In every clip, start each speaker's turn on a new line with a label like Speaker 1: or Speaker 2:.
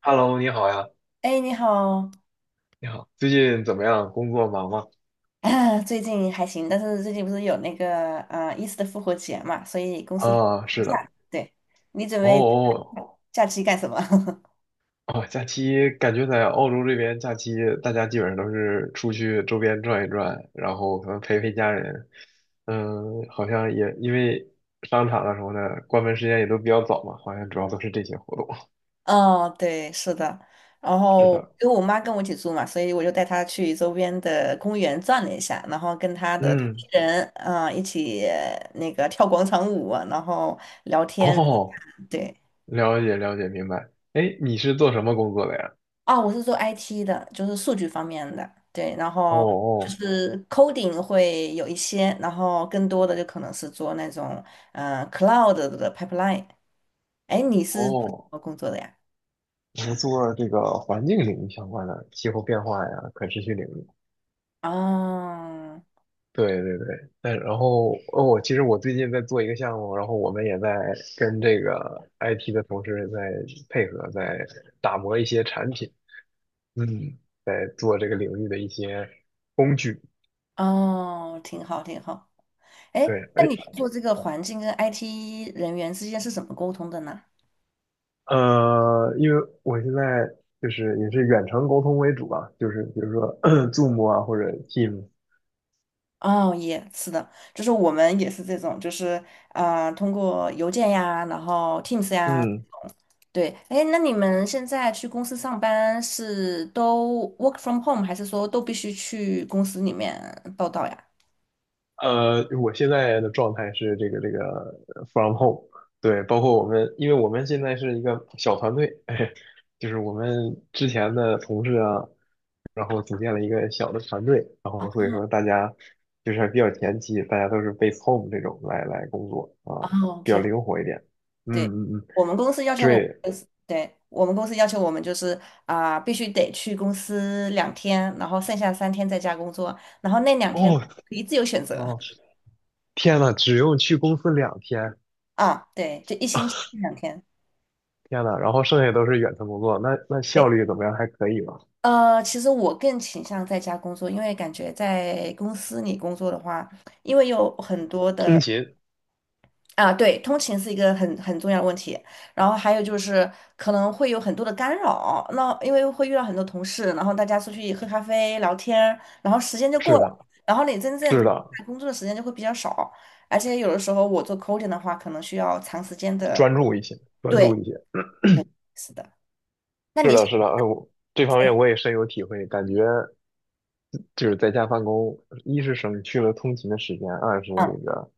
Speaker 1: Hello，你好呀，
Speaker 2: 哎，你好
Speaker 1: 你好，最近怎么样？工作忙吗？
Speaker 2: 啊 最近还行，但是最近不是有那个伊斯的复活节嘛，所以公司
Speaker 1: 啊，
Speaker 2: 放
Speaker 1: 是的，
Speaker 2: 假。对，你准
Speaker 1: 哦
Speaker 2: 备
Speaker 1: 哦
Speaker 2: 假期干什么？
Speaker 1: 哦，假期感觉在澳洲这边假期，大家基本上都是出去周边转一转，然后可能陪陪家人。嗯，好像也因为商场啊什么的关门时间也都比较早嘛，好像主要都是这些活动。
Speaker 2: 哦，对，是的。然
Speaker 1: 是
Speaker 2: 后
Speaker 1: 的，
Speaker 2: 因为我妈跟我一起住嘛，所以我就带她去周边的公园转了一下，然后跟她的同
Speaker 1: 嗯，
Speaker 2: 龄人一起那个跳广场舞啊然后聊天。
Speaker 1: 哦，
Speaker 2: 对，
Speaker 1: 了解了解，明白。哎，你是做什么工作的呀？
Speaker 2: 哦，我是做 IT 的，就是数据方面的，对，然
Speaker 1: 哦
Speaker 2: 后就
Speaker 1: 哦
Speaker 2: 是 coding 会有一些，然后更多的就可能是做那种cloud 的 pipeline。哎，你是做什
Speaker 1: 哦，
Speaker 2: 么工作的呀？
Speaker 1: 我们做这个环境领域相关的气候变化呀、可持续领域。
Speaker 2: 哦
Speaker 1: 对对对，但然后哦，我其实我最近在做一个项目，然后我们也在跟这个 IT 的同事在配合，在打磨一些产品，嗯，做这个领域的一些工具。
Speaker 2: 哦，挺好挺好。哎，
Speaker 1: 对，
Speaker 2: 那
Speaker 1: 哎，
Speaker 2: 你做这个环境跟 IT 人员之间是怎么沟通的呢？
Speaker 1: 因为我现在就是也是远程沟通为主吧，就是比如说 Zoom 啊或者 Teams，
Speaker 2: 哦，也是的，就是我们也是这种，就是通过邮件呀，然后 Teams 呀。
Speaker 1: 嗯。
Speaker 2: 对，哎，那你们现在去公司上班是都 work from home，还是说都必须去公司里面报道呀？
Speaker 1: 我现在的状态是这个from home，对，包括我们，因为我们现在是一个小团队，哎，就是我们之前的同事啊，然后组建了一个小的团队，然后所以说大家就是还比较前期，大家都是 base home 这种来工作啊，
Speaker 2: 哦，
Speaker 1: 比较
Speaker 2: 挺好。
Speaker 1: 灵活一点。嗯
Speaker 2: 对，
Speaker 1: 嗯嗯，
Speaker 2: 我们公司要求我们
Speaker 1: 对，
Speaker 2: 就是，对，我们公司要求我们就是必须得去公司两天，然后剩下3天在家工作，然后那两天
Speaker 1: 哦
Speaker 2: 可以自由选择
Speaker 1: 哦，天呐，只用去公司两天，
Speaker 2: 啊，对，就一星期两天。
Speaker 1: 天呐，然后剩下都是远程工作，那效
Speaker 2: 对，
Speaker 1: 率怎么样？还可以吧？
Speaker 2: 其实我更倾向在家工作，因为感觉在公司里工作的话，因为有很多
Speaker 1: 通
Speaker 2: 的。
Speaker 1: 勤，
Speaker 2: 啊，对，通勤是一个很重要的问题，然后还有就是可能会有很多的干扰，那因为会遇到很多同事，然后大家出去喝咖啡聊天，然后时间就过
Speaker 1: 是
Speaker 2: 了，
Speaker 1: 的。
Speaker 2: 然后你真正
Speaker 1: 是
Speaker 2: 投入
Speaker 1: 的，
Speaker 2: 在工作的时间就会比较少，而且有的时候我做 coding 的话，可能需要长时间的，
Speaker 1: 专注一些，专
Speaker 2: 对，
Speaker 1: 注一些。
Speaker 2: 对，是的。那
Speaker 1: 是
Speaker 2: 你，
Speaker 1: 的，是的，哎，这方面我也深有体会，感觉就是在家办公，一是省去了通勤的时间，二是
Speaker 2: 嗯，
Speaker 1: 这个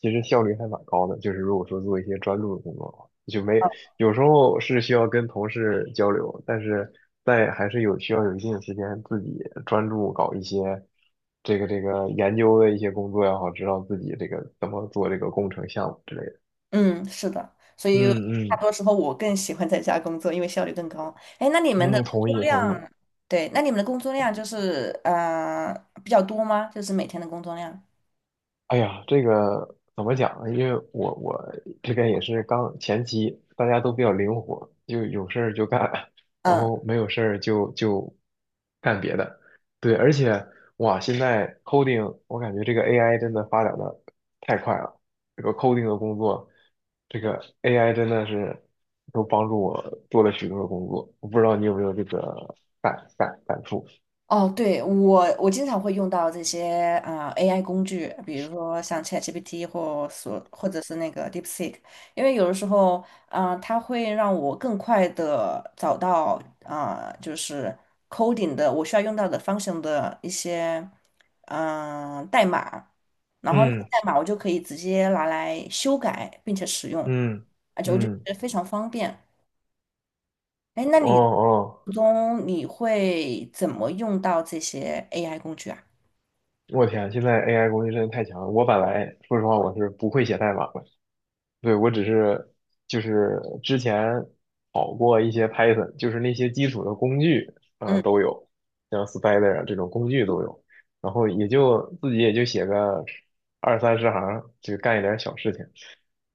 Speaker 1: 其实效率还蛮高的。就是如果说做一些专注的工作的话，就没有时候是需要跟同事交流，但是在还是有需要有一定的时间自己专注搞一些这个研究的一些工作也好，知道自己这个怎么做这个工程项目之类的。
Speaker 2: 嗯，是的，所以
Speaker 1: 嗯
Speaker 2: 大
Speaker 1: 嗯
Speaker 2: 多时候我更喜欢在家工作，因为效率更高。哎，那你们的
Speaker 1: 嗯，
Speaker 2: 工
Speaker 1: 同
Speaker 2: 作
Speaker 1: 意同意。
Speaker 2: 量，对，那你们的工作量就是比较多吗？就是每天的工作量？
Speaker 1: 哎呀，这个怎么讲呢？因为我这边也是刚前期，大家都比较灵活，就有事儿就干，然
Speaker 2: 嗯。
Speaker 1: 后没有事儿就干别的。对，而且哇，现在 coding，我感觉这个 AI 真的发展的太快了。这个 coding 的工作，这个 AI 真的是都帮助我做了许多的工作。我不知道你有没有这个感触？
Speaker 2: 哦，对，我经常会用到这些AI 工具，比如说像 ChatGPT 或者是那个 DeepSeek，因为有的时候，啊，它会让我更快的找到啊，就是 coding 的我需要用到的 function 的一些代码，然后那个
Speaker 1: 嗯
Speaker 2: 代码我就可以直接拿来修改并且使用，
Speaker 1: 嗯
Speaker 2: 而且我就觉
Speaker 1: 嗯，
Speaker 2: 得非常方便。哎，那
Speaker 1: 哦
Speaker 2: 你
Speaker 1: 哦。
Speaker 2: 途中你会怎么用到这些 AI 工具啊？
Speaker 1: 我天，现在 AI 工具真的太强了。我本来说实话，我是不会写代码的，对，我只是就是之前好过一些 Python，就是那些基础的工具啊、
Speaker 2: 嗯
Speaker 1: 都有，像 Spider 啊这种工具都有，然后也就自己也就写个二三十行，就干一点小事情，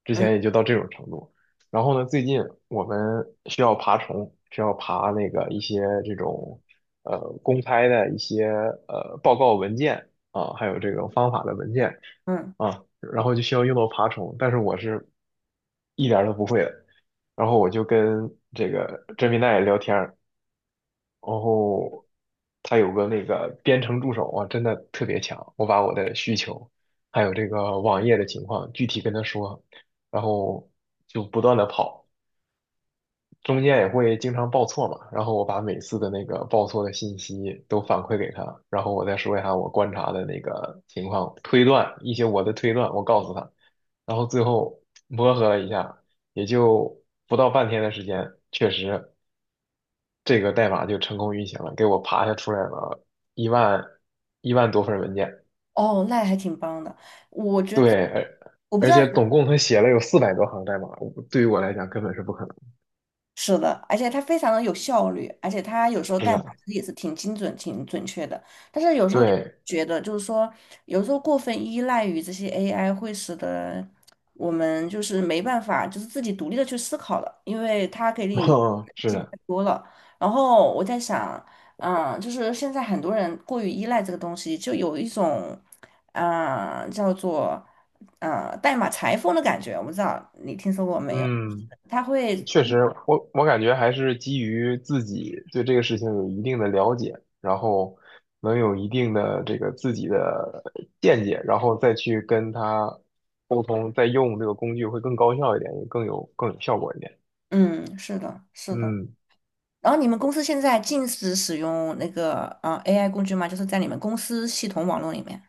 Speaker 1: 之
Speaker 2: 嗯
Speaker 1: 前也就到这种程度。然后呢，最近我们需要爬虫，需要爬那个一些这种呃公开的一些报告文件啊，还有这种方法的文件
Speaker 2: 嗯，
Speaker 1: 啊，然后就需要用到爬虫，但是我是一点儿都不会的。然后我就跟这个甄皮奈聊天儿，然后他有个那个编程助手啊，真的特别强。我把我的需求，还有这个网页的情况具体跟他说，然后就不断的跑，中间也会经常报错嘛。然后我把每次的那个报错的信息都反馈给他，然后我再说一下我观察的那个情况，推断一些我的推断，我告诉他，然后最后磨合了一下，也就不到半天的时间，确实。这个代码就成功运行了，给我爬下出来了一万一万多份文件。
Speaker 2: 哦，那还挺棒的。我觉得
Speaker 1: 对，而
Speaker 2: 我不知
Speaker 1: 而
Speaker 2: 道，
Speaker 1: 且总共他写了有400多行代码，我对于我来讲根本是不可能，
Speaker 2: 是的，而且它非常的有效率，而且它有时候
Speaker 1: 真
Speaker 2: 代码
Speaker 1: 的。
Speaker 2: 其实也是挺精准、挺准确的。但是有时候你
Speaker 1: 对，
Speaker 2: 觉得，就是说，有时候过分依赖于这些 AI，会使得我们就是没办法，就是自己独立的去思考了，因为它给 你
Speaker 1: 嗯是
Speaker 2: 机
Speaker 1: 的，
Speaker 2: 太多了。然后我在想，嗯，就是现在很多人过于依赖这个东西，就有一种，叫做，代码裁缝的感觉。我不知道你听说过没有？
Speaker 1: 嗯，
Speaker 2: 他会。
Speaker 1: 确实，我感觉还是基于自己对这个事情有一定的了解，然后能有一定的这个自己的见解，然后再去跟他沟通，再用这个工具会更高效一点，也更有效果一点。
Speaker 2: 嗯，是的，是的。
Speaker 1: 嗯。
Speaker 2: 然后你们公司现在禁止使用那个AI 工具吗？就是在你们公司系统网络里面。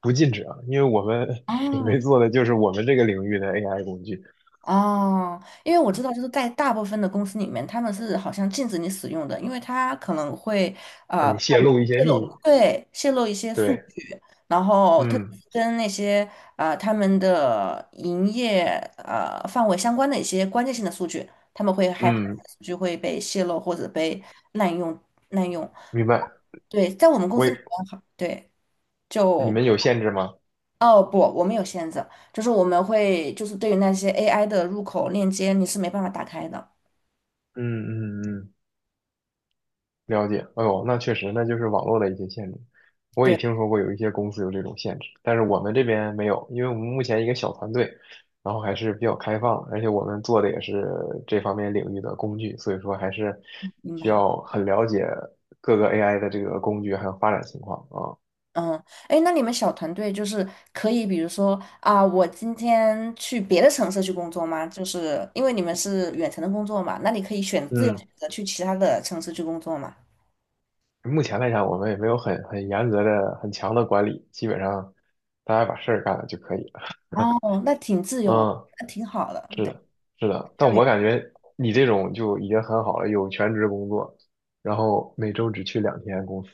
Speaker 1: 不禁止啊，因为我们准
Speaker 2: 哦，
Speaker 1: 备做的就是我们这个领域的 AI 工具，
Speaker 2: 哦，因为我知道，就是在大部分的公司里面，他们是好像禁止你使用的，因为他可能会
Speaker 1: 让
Speaker 2: 呃
Speaker 1: 你泄露一些
Speaker 2: 泄
Speaker 1: 秘
Speaker 2: 露，
Speaker 1: 密。
Speaker 2: 对，泄露一些数
Speaker 1: 对，
Speaker 2: 据，然后特
Speaker 1: 嗯
Speaker 2: 别是跟那些他们的营业范围相关的一些关键性的数据，他们会害怕
Speaker 1: 嗯，
Speaker 2: 数据会被泄露或者被滥用滥用
Speaker 1: 明白。
Speaker 2: 对，在我们公
Speaker 1: 我
Speaker 2: 司
Speaker 1: 也，
Speaker 2: 里面好，对，
Speaker 1: 你
Speaker 2: 就
Speaker 1: 们有限制吗？
Speaker 2: 哦不，我们有限制，就是我们会就是对于那些 AI 的入口链接，你是没办法打开的。
Speaker 1: 嗯嗯嗯，了解。哎呦，那确实，那就是网络的一些限制。我也
Speaker 2: 对，
Speaker 1: 听说过有一些公司有这种限制，但是我们这边没有，因为我们目前一个小团队，然后还是比较开放，而且我们做的也是这方面领域的工具，所以说还是
Speaker 2: 明
Speaker 1: 需
Speaker 2: 白。
Speaker 1: 要很了解各个 AI 的这个工具还有发展情况啊。
Speaker 2: 嗯，哎，那你们小团队就是可以，比如说我今天去别的城市去工作吗？就是因为你们是远程的工作嘛，那你可以自由选
Speaker 1: 嗯，
Speaker 2: 择去其他的城市去工作嘛？
Speaker 1: 目前来讲，我们也没有很严格的、很强的管理，基本上大家把事儿干了就可以了。
Speaker 2: 哦，那挺自由，
Speaker 1: 嗯，
Speaker 2: 那挺好的。
Speaker 1: 是的，是的。但
Speaker 2: 对，
Speaker 1: 我感觉你这种就已经很好了，有全职工作，然后每周只去两天公司。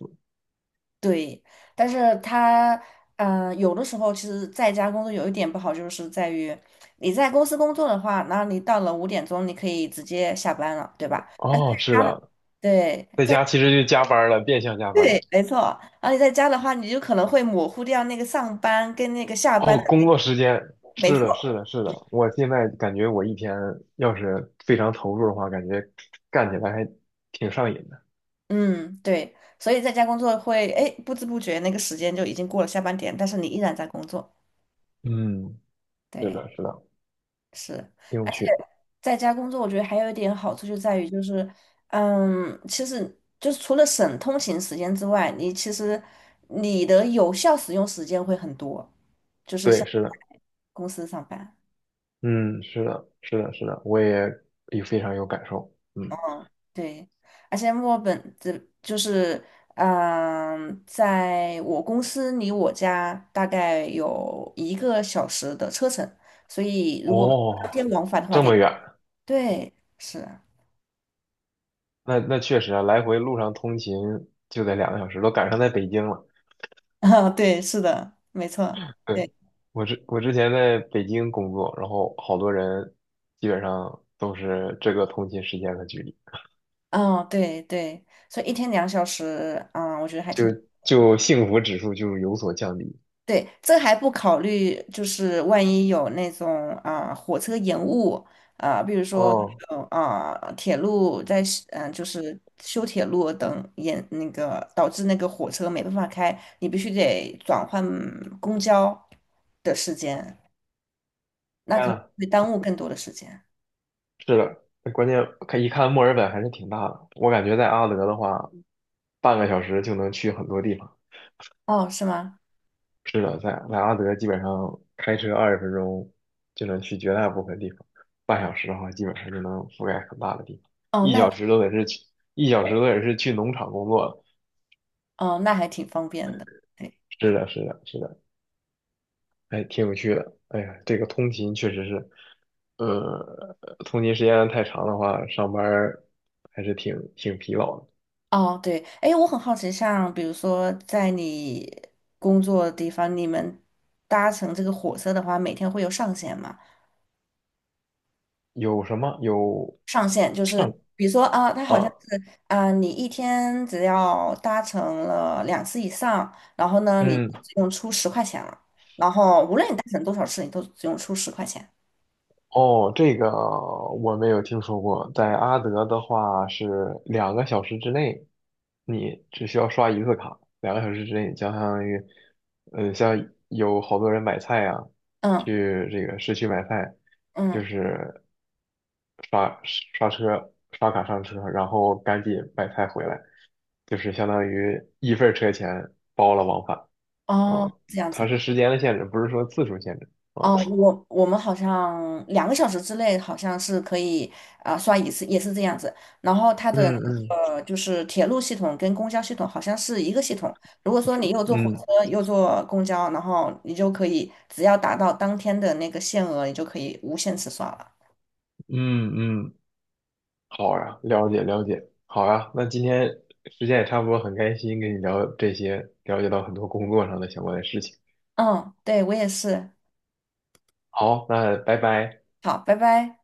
Speaker 2: 对，但是他嗯，有的时候其实在家工作有一点不好，就是在于你在公司工作的话，然后你到了5点钟，你可以直接下班了，对吧？
Speaker 1: 哦，是
Speaker 2: 他的
Speaker 1: 的，
Speaker 2: 对，
Speaker 1: 在家其实就加班了，变相加班了。
Speaker 2: 对，没错。而且在家的话，你就可能会模糊掉那个上班跟那个下班
Speaker 1: 哦，
Speaker 2: 的，
Speaker 1: 工作时间，
Speaker 2: 没
Speaker 1: 是
Speaker 2: 错。
Speaker 1: 的，是的，是的。我现在感觉我一天要是非常投入的话，感觉干起来还挺上瘾的。
Speaker 2: 嗯，对。所以在家工作会，哎，不知不觉那个时间就已经过了下班点，但是你依然在工作。
Speaker 1: 嗯，是
Speaker 2: 对，
Speaker 1: 的，是的，
Speaker 2: 是。
Speaker 1: 挺有
Speaker 2: 而且
Speaker 1: 趣。
Speaker 2: 在家工作，我觉得还有一点好处就在于，就是，嗯，其实就是除了省通勤时间之外，你其实你的有效使用时间会很多，就是
Speaker 1: 对，
Speaker 2: 像
Speaker 1: 是的。
Speaker 2: 公司上班。
Speaker 1: 嗯，是的，是的，是的，我也非常有感受。嗯，
Speaker 2: 对，而且墨尔本这就是，在我公司离我家大概有1个小时的车程，所以如果当天
Speaker 1: 哦，
Speaker 2: 往返的话
Speaker 1: 这
Speaker 2: 得，
Speaker 1: 么远，
Speaker 2: 对，是啊，
Speaker 1: 那确实啊，来回路上通勤就得两个小时，都赶上在北京了。
Speaker 2: 啊，对，是的，没错，对，
Speaker 1: 对，我之前在北京工作，然后好多人基本上都是这个通勤时间和距离，
Speaker 2: 嗯，对对，所以一天2小时，嗯，我觉得还
Speaker 1: 就
Speaker 2: 挺。
Speaker 1: 就幸福指数就有所降低。
Speaker 2: 对，这还不考虑，就是万一有那种火车延误比如说
Speaker 1: 哦，
Speaker 2: 有铁路在就是修铁路等延那个导致那个火车没办法开，你必须得转换公交的时间，那
Speaker 1: 天
Speaker 2: 可能
Speaker 1: 啊，
Speaker 2: 会耽误更多的时间。
Speaker 1: 是的，关键看一看墨尔本还是挺大的，我感觉在阿德的话，半个小时就能去很多地方。
Speaker 2: 哦，是吗？
Speaker 1: 是的，在阿德基本上开车20分钟就能去绝大部分地方，半小时的话基本上就能覆盖很大的地方，
Speaker 2: 哦，
Speaker 1: 一
Speaker 2: 那
Speaker 1: 小时都得是去，一小时都得是去农场工作了。
Speaker 2: 哦那还挺方便的。对
Speaker 1: 是的，是的，是的，哎，挺有趣的。哎呀，这个通勤确实是，呃，通勤时间太长的话，上班儿还是挺疲劳的。
Speaker 2: 哦，对，哎，我很好奇，像比如说在你工作的地方，你们搭乘这个火车的话，每天会有上限吗？
Speaker 1: 有什么？有
Speaker 2: 上限就是
Speaker 1: 上
Speaker 2: 比如说，它好像
Speaker 1: 啊，
Speaker 2: 是，你一天只要搭乘了2次以上，然后呢，你
Speaker 1: 嗯。
Speaker 2: 只用出十块钱了，然后无论你搭乘多少次，你都只用出十块钱。
Speaker 1: 哦，这个我没有听说过。在阿德的话是两个小时之内，你只需要刷一次卡，两个小时之内，相当于，像有好多人买菜啊，
Speaker 2: 嗯
Speaker 1: 去这个市区买菜，就
Speaker 2: 嗯，
Speaker 1: 是刷卡上车，然后赶紧买菜回来，就是相当于一份儿车钱包了往返
Speaker 2: 哦，
Speaker 1: 啊。
Speaker 2: 这样
Speaker 1: 它
Speaker 2: 子。
Speaker 1: 是时间的限制，不是说次数限制啊。
Speaker 2: 哦，我们好像2个小时之内好像是可以刷一次，也是这样子。然后它
Speaker 1: 嗯
Speaker 2: 的
Speaker 1: 嗯
Speaker 2: 那个就是铁路系统跟公交系统好像是一个系统。如果说你又坐火
Speaker 1: 嗯。
Speaker 2: 车又坐公交，然后你就可以只要达到当天的那个限额，你就可以无限次刷了。
Speaker 1: 嗯嗯，好呀，了解了解，好呀，那今天时间也差不多，很开心跟你聊这些，了解到很多工作上的相关的事情。
Speaker 2: 嗯，对，我也是。
Speaker 1: 好，那拜拜。
Speaker 2: 好，拜拜。